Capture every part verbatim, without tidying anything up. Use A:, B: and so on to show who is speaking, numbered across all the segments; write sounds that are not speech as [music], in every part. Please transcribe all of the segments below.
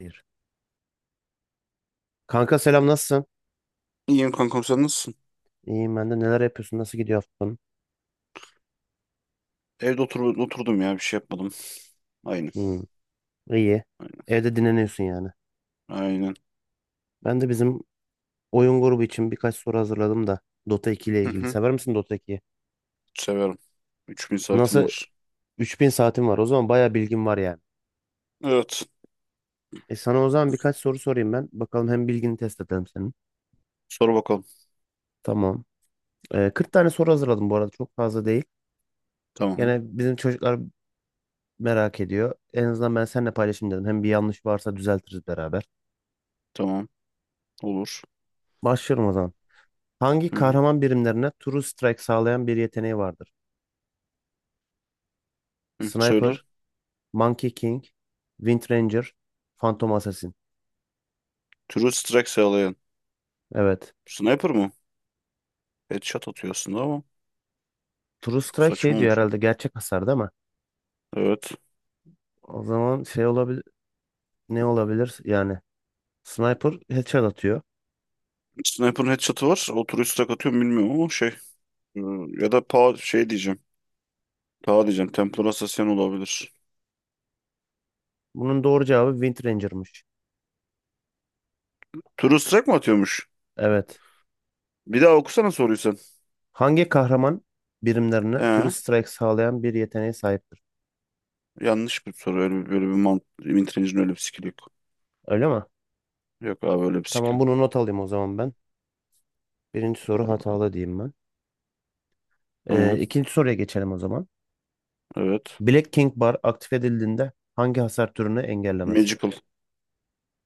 A: Bir. Kanka, selam, nasılsın?
B: İyiyim kankam sen nasılsın?
A: İyiyim ben de. Neler yapıyorsun? Nasıl gidiyor haftan?
B: Evde otur oturdum ya bir şey yapmadım. Aynen.
A: Hmm, iyi.
B: Aynen.
A: Evde dinleniyorsun yani.
B: Aynen.
A: Ben de bizim oyun grubu için birkaç soru hazırladım da, Dota iki ile
B: Hı
A: ilgili.
B: hı.
A: Sever misin Dota ikiyi?
B: Severim. üç bin saatim
A: Nasıl
B: olsun.
A: üç bin saatim var. O zaman bayağı bilgim var yani.
B: Evet.
A: E sana o zaman birkaç soru sorayım ben. Bakalım, hem bilgini test edelim senin.
B: Sor bakalım.
A: Tamam. E, kırk tane soru hazırladım bu arada. Çok fazla değil.
B: Tamam.
A: Gene bizim çocuklar merak ediyor. En azından ben seninle paylaşayım dedim. Hem bir yanlış varsa düzeltiriz beraber.
B: Tamam. Olur.
A: Başlıyorum o zaman. Hangi
B: Hı hı.
A: kahraman birimlerine True Strike sağlayan bir yeteneği vardır?
B: Hı,
A: Sniper,
B: söyle.
A: Monkey King, Wind Ranger, Phantom Assassin.
B: True Strike sağlayan.
A: Evet.
B: Sniper mı? Headshot atıyor aslında ama
A: True
B: çok
A: Strike
B: saçma
A: şey diyor
B: olmuş o.
A: herhalde, gerçek hasar değil mi?
B: Evet.
A: O zaman şey olabilir, ne olabilir yani? Sniper headshot atıyor.
B: Sniper'ın headshot'ı var. O True Strike atıyor mu bilmiyorum ama şey. e, Ya da pa şey diyeceğim. Ta diyeceğim. Templar Assassin olabilir.
A: Bunun doğru cevabı Wind Ranger'mış.
B: True Strike mi atıyormuş?
A: Evet.
B: Bir daha okusana soruyu sen.
A: Hangi kahraman birimlerine True
B: Ee?
A: Strike sağlayan bir yeteneğe sahiptir?
B: Yanlış bir soru. Öyle bir, böyle bir mant Wintrage'in öyle bir skill'i yok.
A: Öyle mi?
B: Yok abi öyle bir skill.
A: Tamam, bunu not alayım o zaman ben. Birinci soru
B: Allah Allah.
A: hatalı diyeyim ben. Ee,
B: Tamam.
A: ikinci soruya geçelim o zaman.
B: Evet.
A: Black King Bar aktif edildiğinde hangi hasar türünü engellemez?
B: Magical.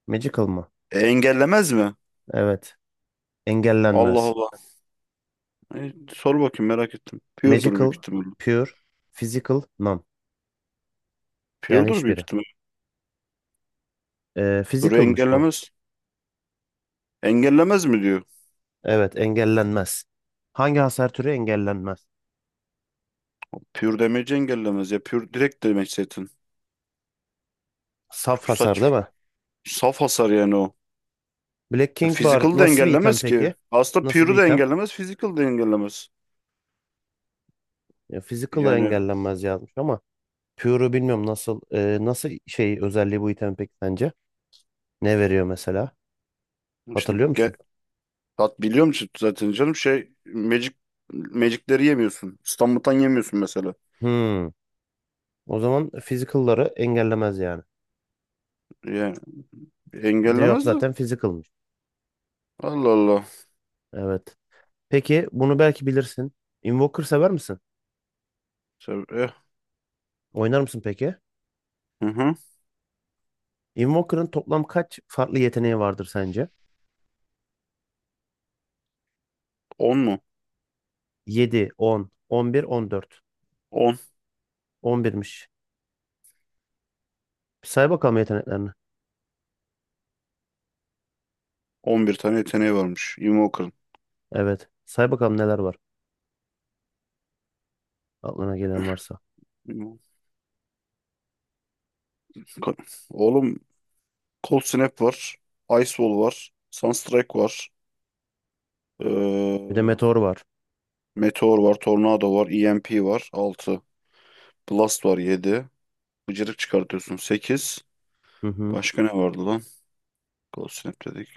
A: Magical mı?
B: E, engellemez mi?
A: Evet.
B: Allah
A: Engellenmez.
B: Allah. E, sor bakayım merak ettim. Pure'dur büyük
A: Magical,
B: ihtimalle.
A: Pure, Physical, None. Yani
B: Pure'dur büyük
A: hiçbiri.
B: ihtimalle.
A: Ee,
B: Pure
A: physical'mış bu.
B: engellemez. Engellemez mi diyor.
A: Evet, engellenmez. Hangi hasar türü engellenmez?
B: Pure damage engellemez. Ya pure direkt damage zaten.
A: Saf
B: Çok
A: hasar
B: saç.
A: değil mi?
B: Saf hasar yani o.
A: Black
B: Ya,
A: King Bar
B: physical da
A: nasıl bir item
B: engellemez ki.
A: peki?
B: Aslında
A: Nasıl bir
B: pure'u da
A: item?
B: engellemez. Physical da engellemez.
A: E, physical'ı
B: Yani
A: engellenmez yazmış ama Pure'u bilmiyorum, nasıl e, nasıl şey özelliği bu item peki sence? Ne veriyor mesela?
B: işte
A: Hatırlıyor musun?
B: ge- tat biliyor musun zaten canım şey Magic Magic'leri yemiyorsun. İstanbul'dan yemiyorsun mesela.
A: Hmm. O zaman physical'ları engellemez yani.
B: Yani
A: Cevap
B: engellemez de.
A: zaten physical'mış.
B: Allah Allah.
A: Evet. Peki bunu belki bilirsin. Invoker sever misin?
B: Tabii. eh,
A: Oynar mısın peki?
B: Hı hı.
A: Invoker'ın toplam kaç farklı yeteneği vardır sence?
B: On mu?
A: yedi, on, on bir, on dört.
B: On.
A: on birmiş. Bir say bakalım yeteneklerini.
B: On bir tane yeteneği varmış Invoker'ın.
A: Evet. Say bakalım neler var. Aklına gelen varsa.
B: Invoker. Oğlum Cold Snap var. Ice Wall var. Sunstrike var.
A: Bir de
B: Ee,
A: meteor var.
B: Meteor var. Tornado var. E M P var. Altı. Blast var. Yedi. Bıcırık çıkartıyorsun. Sekiz.
A: Hı hı.
B: Başka ne vardı lan? Cold Snap dedik.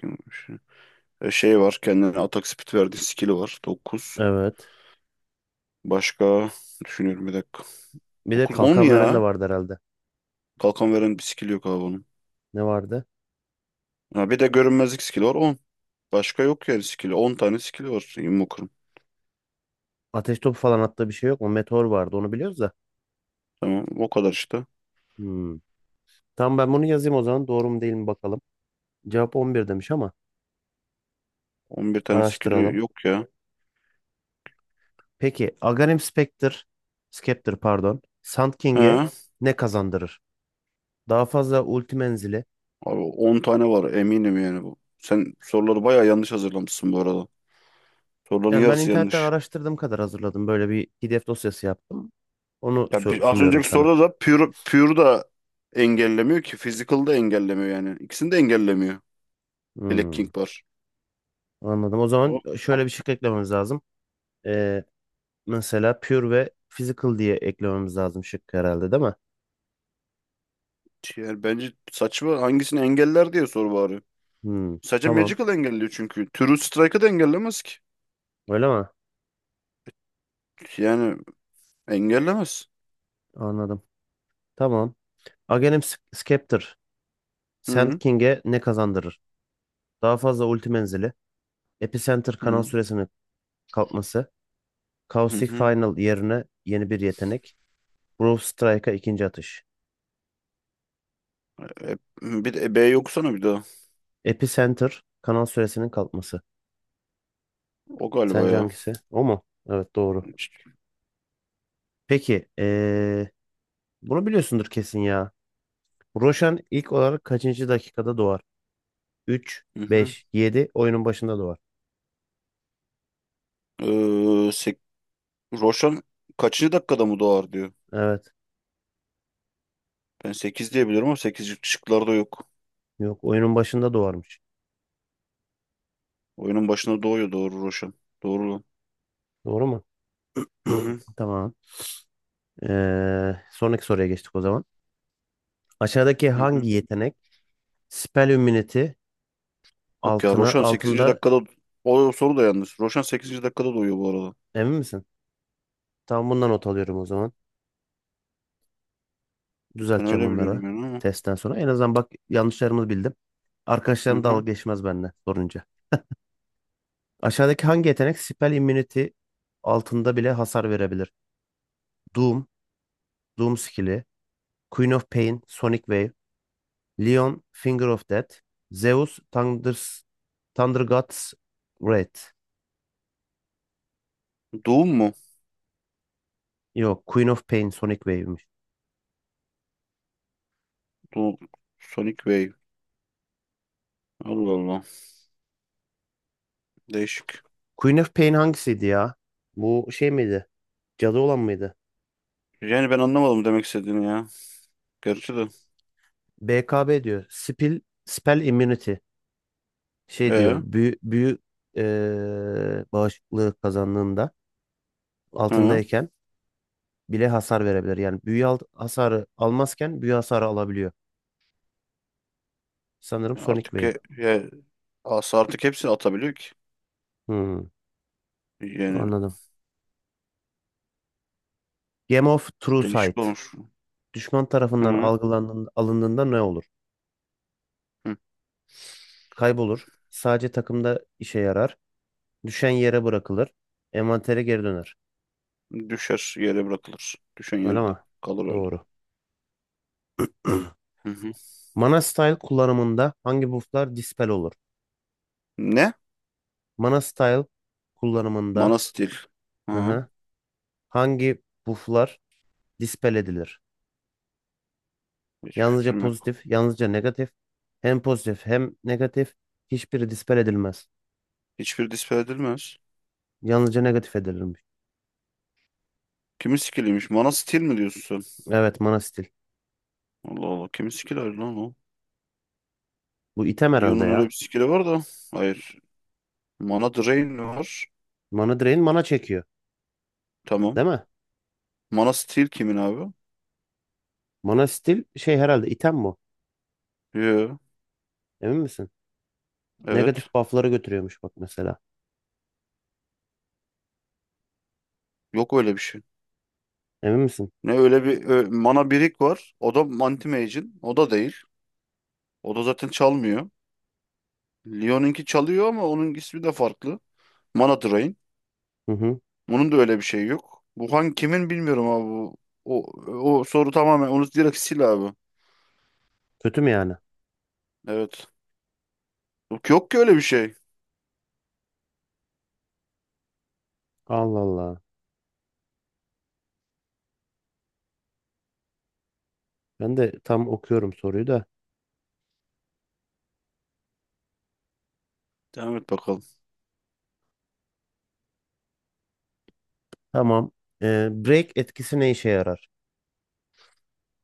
B: E, şey var. Kendine atak speed verdiği skill'i var. Dokuz.
A: Evet.
B: Başka düşünüyorum bir dakika.
A: Bir de
B: Dokuz, on
A: kalkan veren de
B: ya.
A: vardı herhalde.
B: Kalkan veren bir skill yok abi onun.
A: Ne vardı?
B: Ha, bir de görünmezlik skill'i var. On. Başka yok yani skill'i. On tane skill'i var Invoker'ın.
A: Ateş topu falan attığı bir şey yok mu? Meteor vardı. Onu biliyoruz da.
B: Tamam o kadar işte.
A: Hmm. Tamam, ben bunu yazayım o zaman. Doğru mu değil mi bakalım. Cevap on bir demiş ama
B: On bir tane skill'i
A: araştıralım.
B: yok ya.
A: Peki Aghanim Spectre, Scepter pardon, Sand King'e
B: He.
A: ne kazandırır? Daha fazla ulti menzili.
B: Abi on tane var eminim yani bu. Sen soruları bayağı yanlış hazırlamışsın bu arada. Soruların
A: Yani ben
B: yarısı
A: internetten
B: yanlış.
A: araştırdığım kadar hazırladım. Böyle bir P D F dosyası yaptım. Onu
B: Ya
A: sö-
B: bir, az
A: sunuyorum
B: önceki
A: sana.
B: soruda da pure, pure da engellemiyor ki. Physical da engellemiyor yani. İkisini de engellemiyor. Black
A: Hmm,
B: King var.
A: anladım. O
B: O
A: zaman şöyle bir şık eklememiz lazım. Ee, mesela Pure ve Physical diye eklememiz lazım şık herhalde değil mi?
B: yani bence saçma, hangisini engeller diye soru bari.
A: Hmm,
B: Sadece
A: tamam.
B: Magical engelliyor çünkü. True Strike'ı da engellemez ki.
A: Öyle mi?
B: Yani engellemez.
A: Anladım. Tamam. Aghanim Scepter, Sand
B: Hı
A: King'e ne kazandırır? Daha fazla ulti menzili, Epicenter kanal
B: hı.
A: süresinin kalkması,
B: Hı
A: Caustic
B: hı.
A: Final yerine yeni bir yetenek, Brawl Strike'a ikinci atış.
B: E, bir de e, B yoksana bir daha.
A: Epicenter kanal süresinin kalkması.
B: O galiba
A: Sence
B: ya.
A: hangisi? O mu? Evet, doğru. Peki, ee, bunu biliyorsundur kesin ya. Roshan ilk olarak kaçıncı dakikada doğar? üç,
B: Hı hı.
A: beş, yedi, oyunun başında doğar.
B: Ee, sek- Roshan kaçıncı dakikada mı doğar diyor.
A: Evet.
B: Ben sekiz diyebilirim ama sekiz şıklarda yok.
A: Yok, oyunun başında doğarmış.
B: Oyunun başında doğuyor doğru Roshan. Doğru lan.
A: Doğru mu?
B: Hı hı.
A: [clears throat] Tamam. Ee, sonraki soruya geçtik o zaman. Aşağıdaki
B: Hı hı.
A: hangi yetenek Spell Immunity
B: Yok ya,
A: altına
B: Roshan sekizinci
A: altında
B: dakikada, o soru da yanlış. Roshan sekizinci dakikada doğuyor bu arada.
A: emin misin? Tamam, bundan not alıyorum o zaman.
B: Ben
A: Düzelteceğim
B: öyle
A: bunları
B: biliyorum yani ama.
A: testten sonra. En azından bak, yanlışlarımı bildim.
B: Hı
A: Arkadaşlarım dalga
B: hı.
A: geçmez benimle sorunca. Aşağıdaki hangi yetenek Spell Immunity altında bile hasar verebilir? Doom, Doom skill'i, Queen of Pain, Sonic Wave, Leon, Finger of Death, Zeus, Thunders, Thunder God's Wrath.
B: Doom mu?
A: Yok, Queen of Pain, Sonic Wave'miş.
B: Doom. Sonic Wave. Allah Allah. Değişik.
A: Queen of Pain hangisiydi ya? Bu şey miydi? Cadı olan mıydı?
B: Yani ben anlamadım demek istediğini ya. Gerçi de.
A: B K B diyor. Spell, spell immunity. Şey diyor.
B: Ee,
A: Büyü, büyü eee bağışıklığı kazandığında
B: hı.
A: altındayken bile hasar verebilir. Yani büyü al- hasarı almazken büyü hasarı alabiliyor. Sanırım
B: Ya
A: Sonic
B: artık he,
A: Wave.
B: he, asa artık hepsini atabiliyor ki.
A: Hmm,
B: Yani
A: anladım. Game of True
B: değişik
A: Sight.
B: olmuş.
A: Düşman
B: Hı
A: tarafından
B: hı.
A: algılandığında, alındığında ne olur? Kaybolur. Sadece takımda işe yarar. Düşen yere bırakılır. Envantere geri döner.
B: Düşer yere bırakılır. Düşen
A: Öyle mi?
B: yerde kalır öyle.
A: Doğru.
B: Hı hı.
A: Mana Style kullanımında hangi bufflar dispel olur?
B: Ne?
A: Manastyle kullanımında,
B: Mana Steel.
A: hı
B: Hı.
A: hı, hangi bufflar dispel edilir?
B: Hiç
A: Yalnızca
B: fikrim yok.
A: pozitif, yalnızca negatif. Hem pozitif hem negatif. Hiçbiri dispel edilmez.
B: Hiçbir dispel edilmez.
A: Yalnızca negatif edilirmiş.
B: Kimin skilliymiş? Mana Steel mi diyorsun sen?
A: Evet, mana stil.
B: Allah Allah. Kimin skilli lan o?
A: Bu item herhalde
B: Lyon'un öyle bir
A: ya.
B: skill'i var da. Hayır. Mana Drain var.
A: Mana drain mana çekiyor.
B: Tamam.
A: Değil mi?
B: Mana Steal kimin abi?
A: Mana stil şey herhalde item bu.
B: Yo.
A: Emin misin?
B: Evet.
A: Negatif buff'ları götürüyormuş bak mesela.
B: Yok öyle bir şey.
A: Emin misin?
B: Ne öyle bir ö- Mana Birik var. O da Anti-Mage'in. O da değil. O da zaten çalmıyor. Lyon'unki çalıyor ama onun ismi de farklı. Mana Drain.
A: Hı hı.
B: Bunun da öyle bir şey yok. Bu hangi kimin bilmiyorum abi bu. O, o soru tamamen onu direkt sil abi.
A: Kötü mü yani?
B: Evet. Yok, yok ki öyle bir şey.
A: Allah Allah. Ben de tam okuyorum soruyu da.
B: Devam et bakalım.
A: Tamam. Ee, break etkisi ne işe yarar?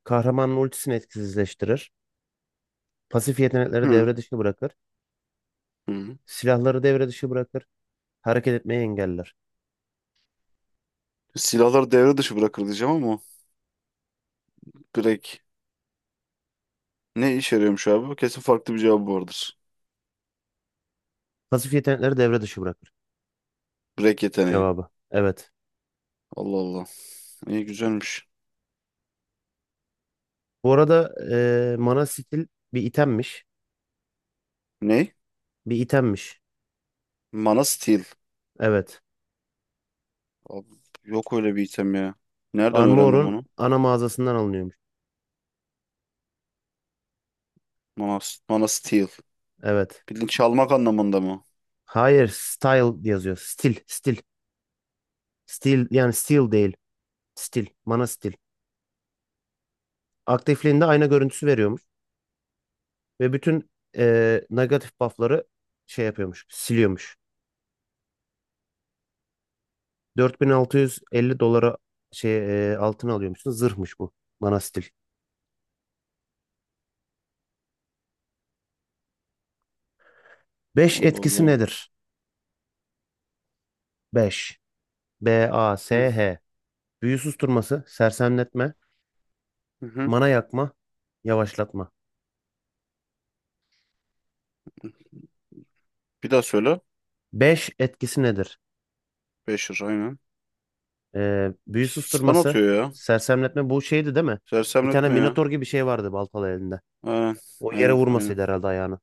A: Kahramanın ultisini etkisizleştirir. Pasif yetenekleri
B: Hı.
A: devre dışı bırakır.
B: Hı.
A: Silahları devre dışı bırakır. Hareket etmeyi engeller.
B: Silahlar devre dışı bırakır diyeceğim ama direkt. Ne işe yarıyormuş abi? Kesin farklı bir cevabı vardır.
A: Pasif yetenekleri devre dışı bırakır.
B: Break yeteneği.
A: Cevabı. Evet.
B: Allah Allah. İyi güzelmiş.
A: Bu arada eee mana skill bir itemmiş.
B: Ne?
A: Bir itemmiş.
B: Mana Steel.
A: Evet.
B: Abi, yok öyle bir item ya. Nereden öğrendim
A: Armor'un
B: onu?
A: ana mağazasından alınıyormuş.
B: Mana, Mana Steel.
A: Evet.
B: Bildiğin çalmak anlamında mı?
A: Hayır, style yazıyor. Stil, stil. Stil yani steel değil. Stil, mana stil. Aktifliğinde ayna görüntüsü veriyormuş ve bütün eee negatif buff'ları şey yapıyormuş, siliyormuş. dört bin altı yüz elli dolara şey e, altın alıyormuşsun. Zırhmış bu. Manastil. Beş
B: Allah
A: etkisi
B: Allah.
A: nedir? Beş B A
B: Hı
A: S H. Büyü susturması, sersemletme,
B: hı. Hı.
A: mana yakma, yavaşlatma.
B: Bir daha söyle.
A: Beş etkisi nedir?
B: Beşir aynen.
A: E, büyü
B: Stun
A: susturması,
B: atıyor ya.
A: sersemletme bu şeydi değil mi? Bir tane
B: Sersemletme ya.
A: minotor gibi şey vardı baltalı elinde.
B: Aynen
A: O yere
B: aynen. Aynen.
A: vurmasıydı herhalde ayağını.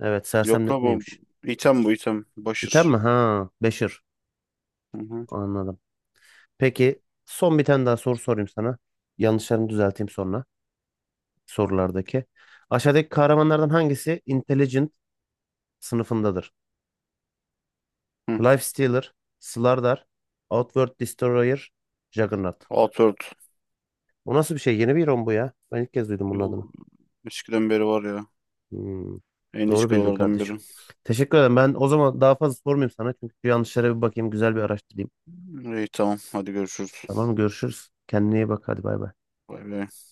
A: Evet,
B: Yok la bu.
A: sersemletmeymiş.
B: İtem bu item.
A: İtem mi?
B: Başır.
A: Ha, Beşir.
B: Hı hı.
A: Anladım. Peki son bir tane daha soru sorayım sana. Yanlışlarımı düzelteyim sonra, sorulardaki. Aşağıdaki kahramanlardan hangisi Intelligent sınıfındadır?
B: Hı.
A: Lifestealer, Slardar, Outward Destroyer, Juggernaut.
B: Outward.
A: Bu nasıl bir şey? Yeni bir hero bu ya. Ben ilk kez duydum bunun
B: Yol-
A: adını.
B: Eskiden beri var ya.
A: Hmm,
B: En
A: Doğru
B: eski
A: bildin
B: yollardan
A: kardeşim.
B: biri.
A: Teşekkür ederim. Ben o zaman daha fazla sormayayım sana. Çünkü şu yanlışlara bir bakayım. Güzel bir araştırayım.
B: İyi tamam. Hadi görüşürüz.
A: Tamam mı? Görüşürüz. Kendine iyi bak. Hadi bay bay.
B: Bay bay.